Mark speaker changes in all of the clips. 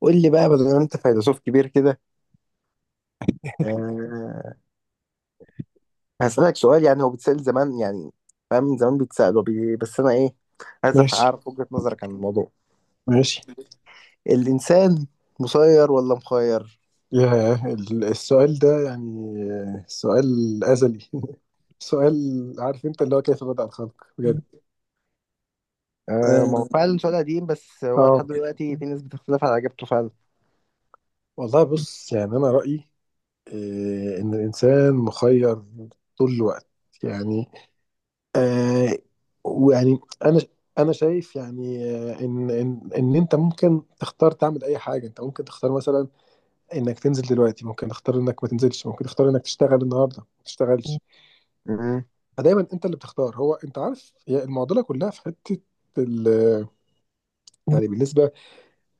Speaker 1: قول لي بقى بدل ما انت فيلسوف كبير كده، أه هسألك سؤال. يعني هو بيتسأل زمان، يعني فاهم، من زمان بيتسأل بس انا ايه، عايز
Speaker 2: ماشي
Speaker 1: اعرف وجهة نظرك عن الموضوع.
Speaker 2: ماشي
Speaker 1: الانسان مسير ولا مخير؟
Speaker 2: السؤال ده سؤال أزلي سؤال عارف انت اللي هو كيف بدأ الخلق بجد.
Speaker 1: أه، ما هو
Speaker 2: اه
Speaker 1: فعلا سؤال قديم، بس هو
Speaker 2: آه.
Speaker 1: لحد دلوقتي في ناس بتختلف على اجابته فعلا.
Speaker 2: والله بص انا رأيي ان الانسان مخير طول الوقت. يعني آه ويعني انا انا شايف، ان انت ممكن تختار تعمل اي حاجه. انت ممكن تختار مثلا انك تنزل دلوقتي، ممكن تختار انك ما تنزلش، ممكن تختار انك تشتغل النهارده ما تشتغلش.
Speaker 1: مم.
Speaker 2: فدايما انت اللي بتختار. هو انت عارف، هي المعضله كلها في حته ال- بالنسبه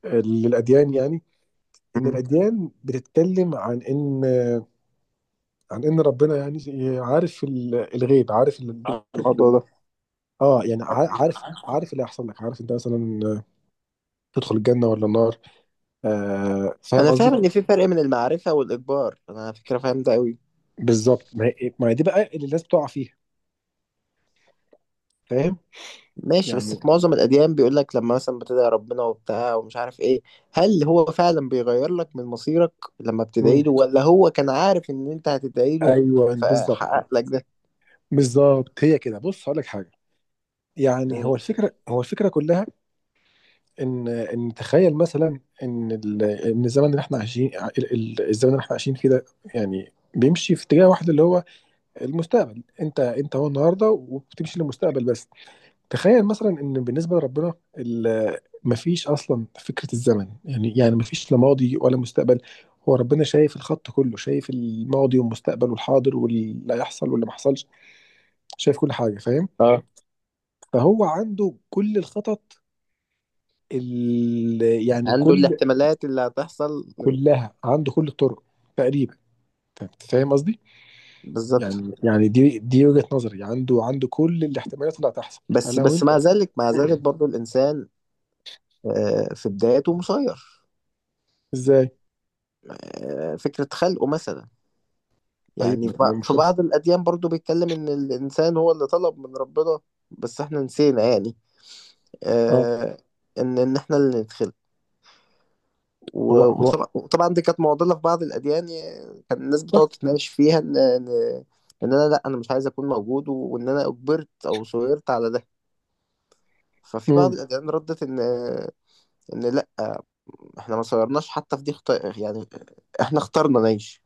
Speaker 2: للاديان، ان
Speaker 1: مم.
Speaker 2: الاديان بتتكلم عن ان عن ان ربنا عارف الغيب، عارف ال...
Speaker 1: الموضوع ده،
Speaker 2: اه عارف اللي هيحصل لك، عارف انت مثلا تدخل الجنه ولا النار. آه فاهم
Speaker 1: انا فاهم
Speaker 2: قصدي؟
Speaker 1: ان في فرق من المعرفة والاجبار، انا على فكرة فاهم ده قوي.
Speaker 2: بالظبط، ما هي دي بقى اللي الناس بتقع فيها، فاهم؟
Speaker 1: ماشي، بس
Speaker 2: يعني
Speaker 1: في معظم الأديان بيقول لك لما مثلا بتدعي ربنا وبتاع ومش عارف إيه، هل هو فعلا بيغير لك من مصيرك لما
Speaker 2: مم.
Speaker 1: بتدعي له، ولا هو كان عارف إن أنت هتدعي له
Speaker 2: ايوه بالظبط.
Speaker 1: فحقق لك ده؟
Speaker 2: بالظبط، هي كده، بص هقول لك حاجه،
Speaker 1: مم.
Speaker 2: هو الفكره كلها ان تخيل مثلا ان ان الزمن اللي احنا عايشين، الزمن اللي احنا عايشين فيه ده بيمشي في اتجاه واحد اللي هو المستقبل. انت هو النهارده وبتمشي للمستقبل بس. تخيل مثلا ان بالنسبه لربنا مفيش اصلا فكره الزمن، يعني مفيش لا ماضي ولا مستقبل. هو ربنا شايف الخط كله، شايف الماضي والمستقبل والحاضر واللي هيحصل واللي ما حصلش، شايف كل حاجه، فاهم؟
Speaker 1: اه،
Speaker 2: فهو عنده كل الخطط ال-
Speaker 1: عنده
Speaker 2: كل
Speaker 1: الاحتمالات اللي هتحصل.
Speaker 2: كلها عنده، كل الطرق تقريبا، انت فاهم قصدي؟
Speaker 1: بالظبط،
Speaker 2: يعني دي وجهة نظري، عنده كل الاحتمالات اللي هتحصل
Speaker 1: بس
Speaker 2: فلو
Speaker 1: بس مع
Speaker 2: انت
Speaker 1: ذلك مع ذلك برضو الإنسان آه، في بدايته مسير.
Speaker 2: ازاي؟
Speaker 1: آه، فكرة خلقه مثلا، يعني
Speaker 2: طيب ما
Speaker 1: في
Speaker 2: مش
Speaker 1: بعض الأديان برضو بيتكلم إن الإنسان هو اللي طلب من ربنا، بس إحنا نسينا، يعني
Speaker 2: اه
Speaker 1: آه، ان احنا اللي ندخل.
Speaker 2: هو هو
Speaker 1: وطبعاً دي كانت معضله في بعض الاديان، يعني كان الناس بتقعد تتناقش فيها ان ان إن انا، لا انا مش عايز اكون موجود، وان انا اجبرت او صغرت على ده. ففي بعض
Speaker 2: امم.
Speaker 1: الاديان ردت ان ان لا، احنا ما صغرناش حتى في دي يعني احنا اخترنا نعيش،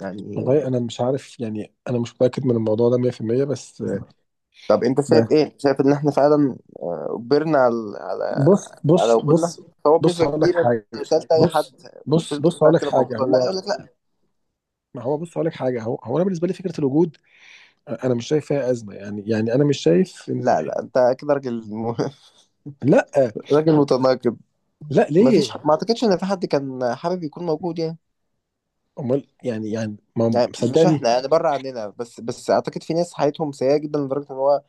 Speaker 1: يعني.
Speaker 2: والله انا مش عارف، انا مش متاكد من الموضوع ده 100%. بس
Speaker 1: طب انت شايف
Speaker 2: بس
Speaker 1: ايه؟ شايف ان احنا فعلا آه، اجبرنا على على
Speaker 2: بص
Speaker 1: على
Speaker 2: بص
Speaker 1: وجودنا؟
Speaker 2: بص
Speaker 1: هو
Speaker 2: بص
Speaker 1: بنسبه
Speaker 2: هقول لك
Speaker 1: كبيره انت لو
Speaker 2: حاجه.
Speaker 1: سالت اي
Speaker 2: بص
Speaker 1: حد، قلت له
Speaker 2: بص
Speaker 1: انت
Speaker 2: بص
Speaker 1: كنت
Speaker 2: هقول
Speaker 1: عايز
Speaker 2: لك
Speaker 1: تبقى
Speaker 2: حاجه
Speaker 1: موجود ولا لا،
Speaker 2: هو.
Speaker 1: يقول لك لا.
Speaker 2: ما هو بص هقول لك حاجه، هو انا بالنسبه لي فكره الوجود انا مش شايف فيها ازمه. يعني انا مش شايف ان
Speaker 1: لا لا، انت كده راجل
Speaker 2: لا.
Speaker 1: راجل متناقض.
Speaker 2: لا
Speaker 1: ما فيش،
Speaker 2: ليه؟
Speaker 1: ما اعتقدش ان في حد كان حابب يكون موجود، يعني
Speaker 2: امال يعني؟ ما
Speaker 1: يعني مش
Speaker 2: مصدقني؟
Speaker 1: احنا، يعني بره عننا، بس بس اعتقد في ناس حياتهم سيئه جدا لدرجه ان هو،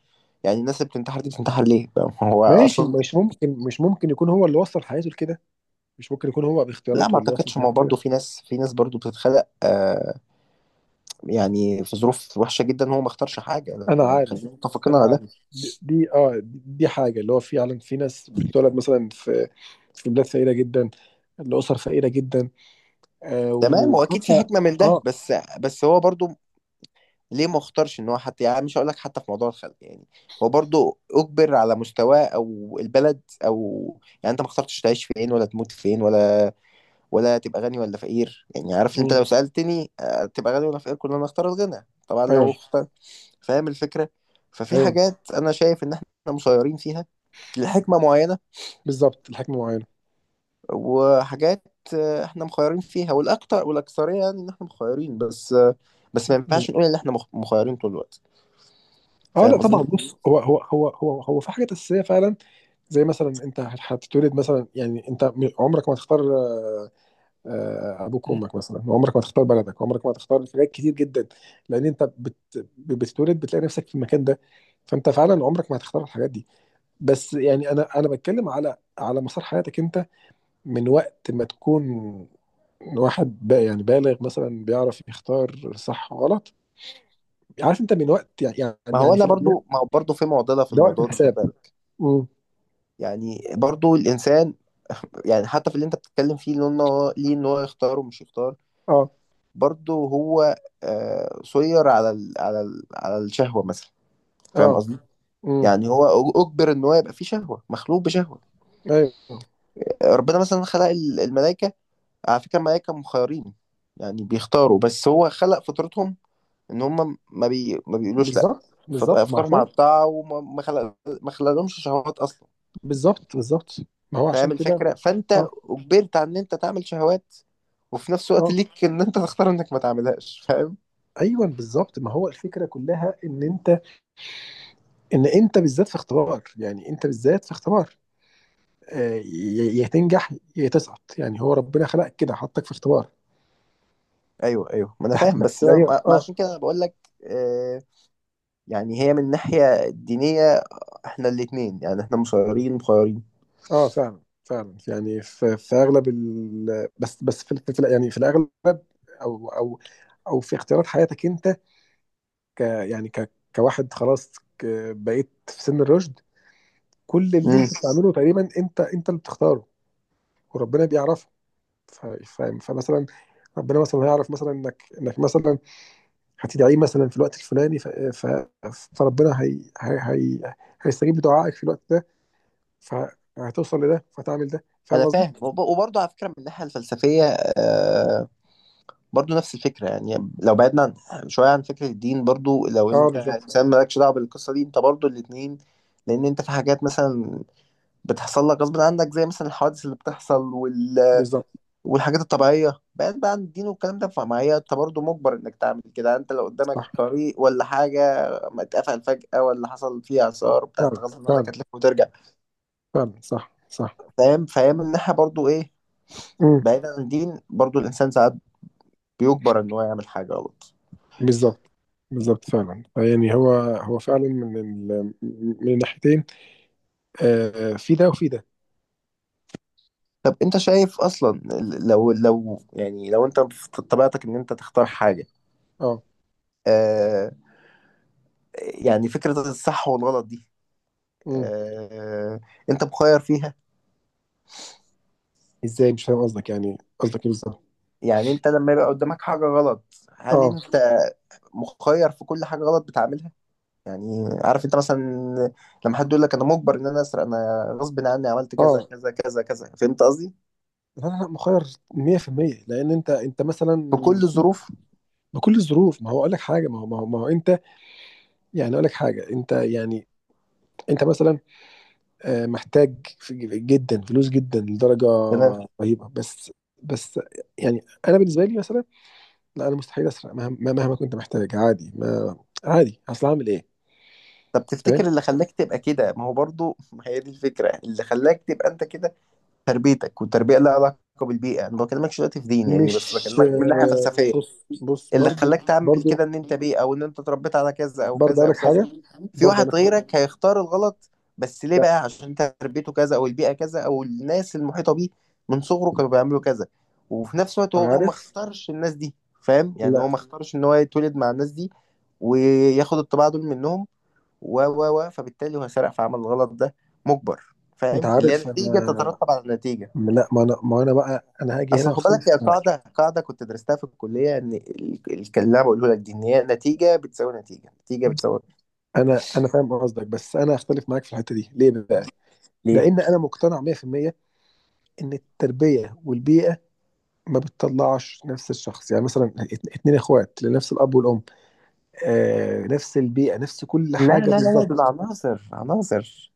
Speaker 1: يعني الناس اللي بتنتحر دي بتنتحر ليه؟ فاهم؟ هو
Speaker 2: ماشي.
Speaker 1: اصلا
Speaker 2: مش ممكن، مش ممكن يكون هو اللي وصل حياته لكده، مش ممكن يكون هو
Speaker 1: لا، ما
Speaker 2: باختياراته اللي وصل
Speaker 1: اعتقدش، ما هو
Speaker 2: حياته
Speaker 1: برضه
Speaker 2: كده.
Speaker 1: في ناس، في ناس برضه بتتخلق آه يعني في ظروف وحشه جدا، هو ما اختارش حاجه، لا،
Speaker 2: انا
Speaker 1: يعني
Speaker 2: عارف،
Speaker 1: خلينا متفقين
Speaker 2: انا
Speaker 1: على ده.
Speaker 2: عارف، دي حاجه. اللي هو فعلا في ناس بتتولد مثلا في في بلاد فقيره جدا، لاسر فقيره جدا، آه
Speaker 1: تمام، هو اكيد في
Speaker 2: وحتى
Speaker 1: حكمه من ده،
Speaker 2: اه.
Speaker 1: بس بس هو برضه ليه ما اختارش ان هو؟ حتى يعني مش هقول لك حتى في موضوع الخلق، يعني هو برضو اجبر على مستواه او البلد او، يعني انت ما اخترتش تعيش فين ولا تموت فين، ولا ولا تبقى غني ولا فقير، يعني عارف انت
Speaker 2: مم.
Speaker 1: لو سألتني آه، تبقى غني ولا فقير، كلنا نختار الغنى طبعا لو
Speaker 2: ايوه،
Speaker 1: اختار. فاهم الفكرة؟ ففي
Speaker 2: ايوه
Speaker 1: حاجات انا شايف ان احنا مسيرين فيها لحكمة معينة،
Speaker 2: بالظبط، الحكمه معينه.
Speaker 1: وحاجات آه، احنا مخيرين فيها، والاكتر والاكثرية يعني ان احنا مخيرين، بس آه، بس ما ينفعش نقول ان احنا مخيرين طول الوقت.
Speaker 2: اه لا
Speaker 1: فاهم
Speaker 2: طبعا.
Speaker 1: قصدي؟
Speaker 2: بص، هو في حاجات اساسيه فعلا، زي مثلا انت هتتولد مثلا، انت عمرك ما تختار ابوك وامك مثلا، وعمرك ما تختار بلدك، وعمرك ما تختار حاجات كتير جدا، لان انت بتتولد بتلاقي نفسك في المكان ده، فانت فعلا عمرك ما هتختار الحاجات دي. بس انا بتكلم على مسار حياتك انت، من وقت ما تكون واحد بقى، بالغ مثلا بيعرف يختار صح وغلط. عارف انت من وقت،
Speaker 1: ما هو
Speaker 2: في
Speaker 1: انا
Speaker 2: الاديان
Speaker 1: برضو، ما هو برضو في معضله في
Speaker 2: ده وقت
Speaker 1: الموضوع ده، خد
Speaker 2: الحساب.
Speaker 1: بالك
Speaker 2: امم
Speaker 1: يعني برضو الانسان يعني حتى في اللي انت بتتكلم فيه، اللي إن هو ليه ان هو يختار ومش يختار،
Speaker 2: اه
Speaker 1: برضو هو آه، سير على ال على ال على الشهوه مثلا. فاهم
Speaker 2: اه
Speaker 1: قصدي؟
Speaker 2: امم
Speaker 1: يعني هو اجبر ان هو يبقى فيه شهوه، مخلوق بشهوه.
Speaker 2: ايوه
Speaker 1: ربنا مثلا خلق الملائكه، على فكره الملائكه مخيرين، يعني بيختاروا، بس هو خلق فطرتهم ان هم ما بيقولوش لا.
Speaker 2: بالظبط بالظبط ما
Speaker 1: فطرهم على
Speaker 2: عشان
Speaker 1: الطاعه، وما ما خلق، ما خلقلهمش شهوات اصلا.
Speaker 2: بالظبط بالظبط ما هو عشان
Speaker 1: فاهم
Speaker 2: كده.
Speaker 1: الفكرة؟ فانت
Speaker 2: اه
Speaker 1: اجبرت على ان انت تعمل شهوات، وفي نفس الوقت
Speaker 2: اه
Speaker 1: ليك ان انت تختار انك ما تعملهاش. فاهم؟
Speaker 2: ايوه بالظبط. ما هو الفكره كلها ان انت، ان انت بالذات في اختبار، انت بالذات في اختبار، يا تنجح يا تسقط. هو ربنا خلقك كده، حطك في اختبار.
Speaker 1: ايوه ايوه، ما انا فاهم، بس
Speaker 2: لا ايوه
Speaker 1: ما
Speaker 2: اه.
Speaker 1: عشان كده أنا بقول لك آه. يعني هي من الناحية الدينية، احنا الاتنين يعني، احنا مصيرين مخيرين.
Speaker 2: اه فعلا، فعلا. يعني في, في اغلب ال... بس في الاغلب، او او او في اختيارات حياتك انت، ك يعني ك كواحد خلاص، بقيت في سن الرشد، كل اللي
Speaker 1: امم،
Speaker 2: انت بتعمله تقريبا انت اللي بتختاره. وربنا بيعرفك، ف- فاهم؟ فمثلا ربنا مثلا هيعرف مثلا انك مثلا هتدعيه مثلا في الوقت الفلاني، فربنا هي هي هي هيستجيب بدعائك في الوقت ده، فهتوصل لده فتعمل ده، فاهم
Speaker 1: انا
Speaker 2: قصدي؟
Speaker 1: فاهم، وبرضه على فكرة من الناحية الفلسفية آه، برضه نفس الفكرة، يعني لو بعدنا عن شوية عن فكرة الدين، برضه لو
Speaker 2: اه
Speaker 1: انت
Speaker 2: بالظبط،
Speaker 1: انسان مالكش دعوة بالقصة دي، انت برضه الاتنين، لان انت في حاجات مثلا بتحصل لك غصب عنك، زي مثلا الحوادث اللي بتحصل
Speaker 2: بالظبط
Speaker 1: والحاجات الطبيعية، بعيد بقى عن الدين والكلام ده، فمعايا انت برضه مجبر انك تعمل كده. انت لو قدامك
Speaker 2: صح.
Speaker 1: طريق ولا حاجة ما اتقفل فجأة، ولا حصل فيه اثار بتاع، انت
Speaker 2: فعلا،
Speaker 1: غصب عنك
Speaker 2: فعلا
Speaker 1: هتلف وترجع.
Speaker 2: فعلا صح صح.
Speaker 1: فاهم الناحية برضه ايه،
Speaker 2: امم
Speaker 1: بعيد عن الدين برضه الانسان ساعات بيجبر ان هو يعمل حاجة غلط.
Speaker 2: بالظبط، بالظبط فعلا. يعني هو هو فعلا من ال... من الناحيتين، آه في ده وفي ده.
Speaker 1: طب انت شايف اصلا، لو لو، يعني لو انت في طبيعتك ان انت تختار حاجة
Speaker 2: اه
Speaker 1: آه، يعني فكرة الصح والغلط دي
Speaker 2: امم.
Speaker 1: آه، انت مخير فيها؟
Speaker 2: ازاي؟ مش فاهم قصدك، قصدك ايه بالظبط؟
Speaker 1: يعني انت لما يبقى قدامك حاجة غلط، هل
Speaker 2: اه
Speaker 1: انت مخير في كل حاجة غلط بتعملها؟ يعني عارف انت مثلا لما حد يقول لك انا مجبر ان انا اسرق، انا غصب عني عملت كذا
Speaker 2: اه
Speaker 1: كذا كذا كذا، فهمت قصدي؟
Speaker 2: لا لا مخير 100%، لان انت، انت مثلا،
Speaker 1: في كل
Speaker 2: في-
Speaker 1: الظروف؟
Speaker 2: بكل الظروف. ما هو اقول لك حاجه، ما هو ما هو, ما هو انت، اقول لك حاجه، انت انت مثلا محتاج جدا فلوس، جدا لدرجه
Speaker 1: تمام.
Speaker 2: رهيبه، بس بس يعني انا بالنسبه لي مثلا لا، انا مستحيل اسرق، مهما كنت محتاج. عادي، ما عادي، اصل هعمل ايه؟
Speaker 1: طب
Speaker 2: فاهم؟
Speaker 1: تفتكر اللي خلاك تبقى كده، ما هو برضو ما هي دي الفكرة، اللي خلاك تبقى انت كده، تربيتك. والتربية لها علاقة بالبيئة، انا ما بكلمكش دلوقتي في دين يعني، بس
Speaker 2: مش
Speaker 1: بكلمك من ناحية
Speaker 2: آه،
Speaker 1: فلسفية.
Speaker 2: بص
Speaker 1: اللي
Speaker 2: برضو.
Speaker 1: خلاك تعمل كده
Speaker 2: برضو
Speaker 1: ان انت بيه، او ان انت اتربيت على كذا او
Speaker 2: برضو
Speaker 1: كذا
Speaker 2: اقول
Speaker 1: او
Speaker 2: لك
Speaker 1: كذا.
Speaker 2: حاجه
Speaker 1: في
Speaker 2: برضو اقول
Speaker 1: واحد
Speaker 2: لك حاجه.
Speaker 1: غيرك هيختار الغلط، بس ليه
Speaker 2: لا
Speaker 1: بقى؟ عشان انت تربيته كذا، او البيئة كذا، او الناس المحيطة بيه من صغره كانوا بيعملوا كذا. وفي نفس الوقت هو ما
Speaker 2: عارف،
Speaker 1: اختارش الناس دي، فاهم؟ يعني
Speaker 2: لا
Speaker 1: هو ما اختارش ان هو يتولد مع الناس دي وياخد الطباع دول منهم، و فبالتالي هو سرق في عمل الغلط ده مجبر.
Speaker 2: انت
Speaker 1: فاهم؟ اللي هي
Speaker 2: عارف
Speaker 1: نتيجة
Speaker 2: انا
Speaker 1: تترتب على نتيجة.
Speaker 2: لا، ما انا ما انا بقى انا هاجي هنا
Speaker 1: اصل خد بالك،
Speaker 2: واختلف
Speaker 1: هي
Speaker 2: معاك.
Speaker 1: قاعده، قاعده كنت درستها في الكليه، ان اللي انا بقوله لك دي، ان هي نتيجه بتساوي نتيجه، نتيجه بتساوي
Speaker 2: انا فاهم قصدك، بس انا هختلف معاك في الحته دي. ليه بقى؟
Speaker 1: ليه.
Speaker 2: لان انا مقتنع 100% ان التربيه والبيئه ما بتطلعش نفس الشخص. مثلا اتنين اخوات لنفس الاب والام، نفس البيئه، نفس كل
Speaker 1: لا لا
Speaker 2: حاجه
Speaker 1: لا لا، دول
Speaker 2: بالظبط.
Speaker 1: عناصر، عناصر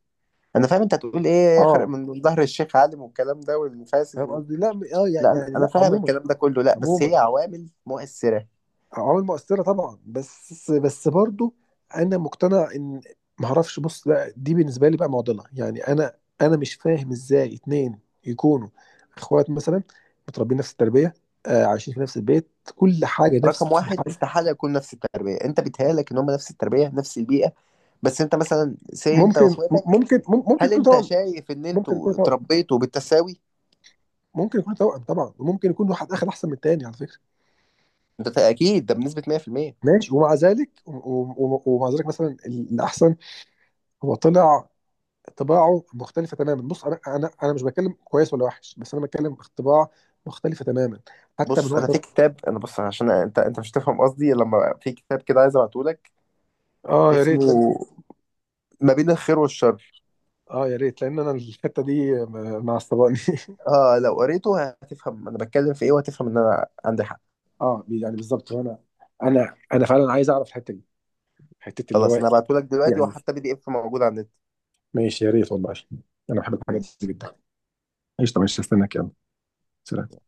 Speaker 1: انا فاهم انت هتقول ايه، خرق
Speaker 2: اه
Speaker 1: من ظهر الشيخ عالم والكلام ده والفاسد
Speaker 2: فاهم
Speaker 1: و...
Speaker 2: قصدي؟ لا
Speaker 1: لا انا، أنا
Speaker 2: لا
Speaker 1: فاهم
Speaker 2: عموما،
Speaker 1: الكلام ده كله، لا بس
Speaker 2: عموما
Speaker 1: هي عوامل مؤثره.
Speaker 2: عوامل مؤثرة طبعا، بس بس برضو انا مقتنع ان معرفش. بص لا، دي بالنسبة لي بقى معضلة، انا مش فاهم ازاي اتنين يكونوا اخوات مثلا، متربيين نفس التربية، عايشين في نفس البيت، كل حاجة نفس
Speaker 1: رقم واحد،
Speaker 2: الحاجة.
Speaker 1: استحاله يكون نفس التربيه، انت بيتهيألك ان هم نفس التربيه نفس البيئه، بس انت مثلا سي انت
Speaker 2: ممكن،
Speaker 1: واخواتك،
Speaker 2: ممكن ممكن
Speaker 1: هل
Speaker 2: يكون
Speaker 1: انت
Speaker 2: توأم.
Speaker 1: شايف ان
Speaker 2: ممكن يكون
Speaker 1: انتوا
Speaker 2: توأم
Speaker 1: اتربيتوا بالتساوي؟
Speaker 2: ممكن يكون توأم طبعا، وممكن يكون واحد اخد احسن من التاني على فكرة.
Speaker 1: انت اكيد ده بنسبه 100%.
Speaker 2: ماشي. ومع ذلك ومع ذلك مثلا الاحسن هو طلع طباعه مختلفه تماما. بص انا مش بتكلم كويس ولا وحش، بس انا بتكلم طباع مختلفه تماما، حتى من
Speaker 1: بص انا في
Speaker 2: وقت.
Speaker 1: كتاب، انا بص عشان انت انت مش هتفهم قصدي لما، في كتاب كده عايز ابعته لك،
Speaker 2: اه يا ريت لأن...
Speaker 1: اسمه ما بين الخير والشر.
Speaker 2: اه يا ريت، لان انا الحته دي معصباني
Speaker 1: اه لو قريته هتفهم انا بتكلم في ايه، وهتفهم ان انا عندي حق.
Speaker 2: اه، يعني بالظبط. وانا انا انا فعلا عايز اعرف الحته دي، حته اللي هو
Speaker 1: خلاص انا هبعته لك دلوقتي،
Speaker 2: يعني.
Speaker 1: وحتى بي دي اف موجود على النت.
Speaker 2: ماشي يا ريت والله، انا بحب الحاجات دي
Speaker 1: ماشي.
Speaker 2: جدا. ايش؟ طب استناك، يلا، سلام.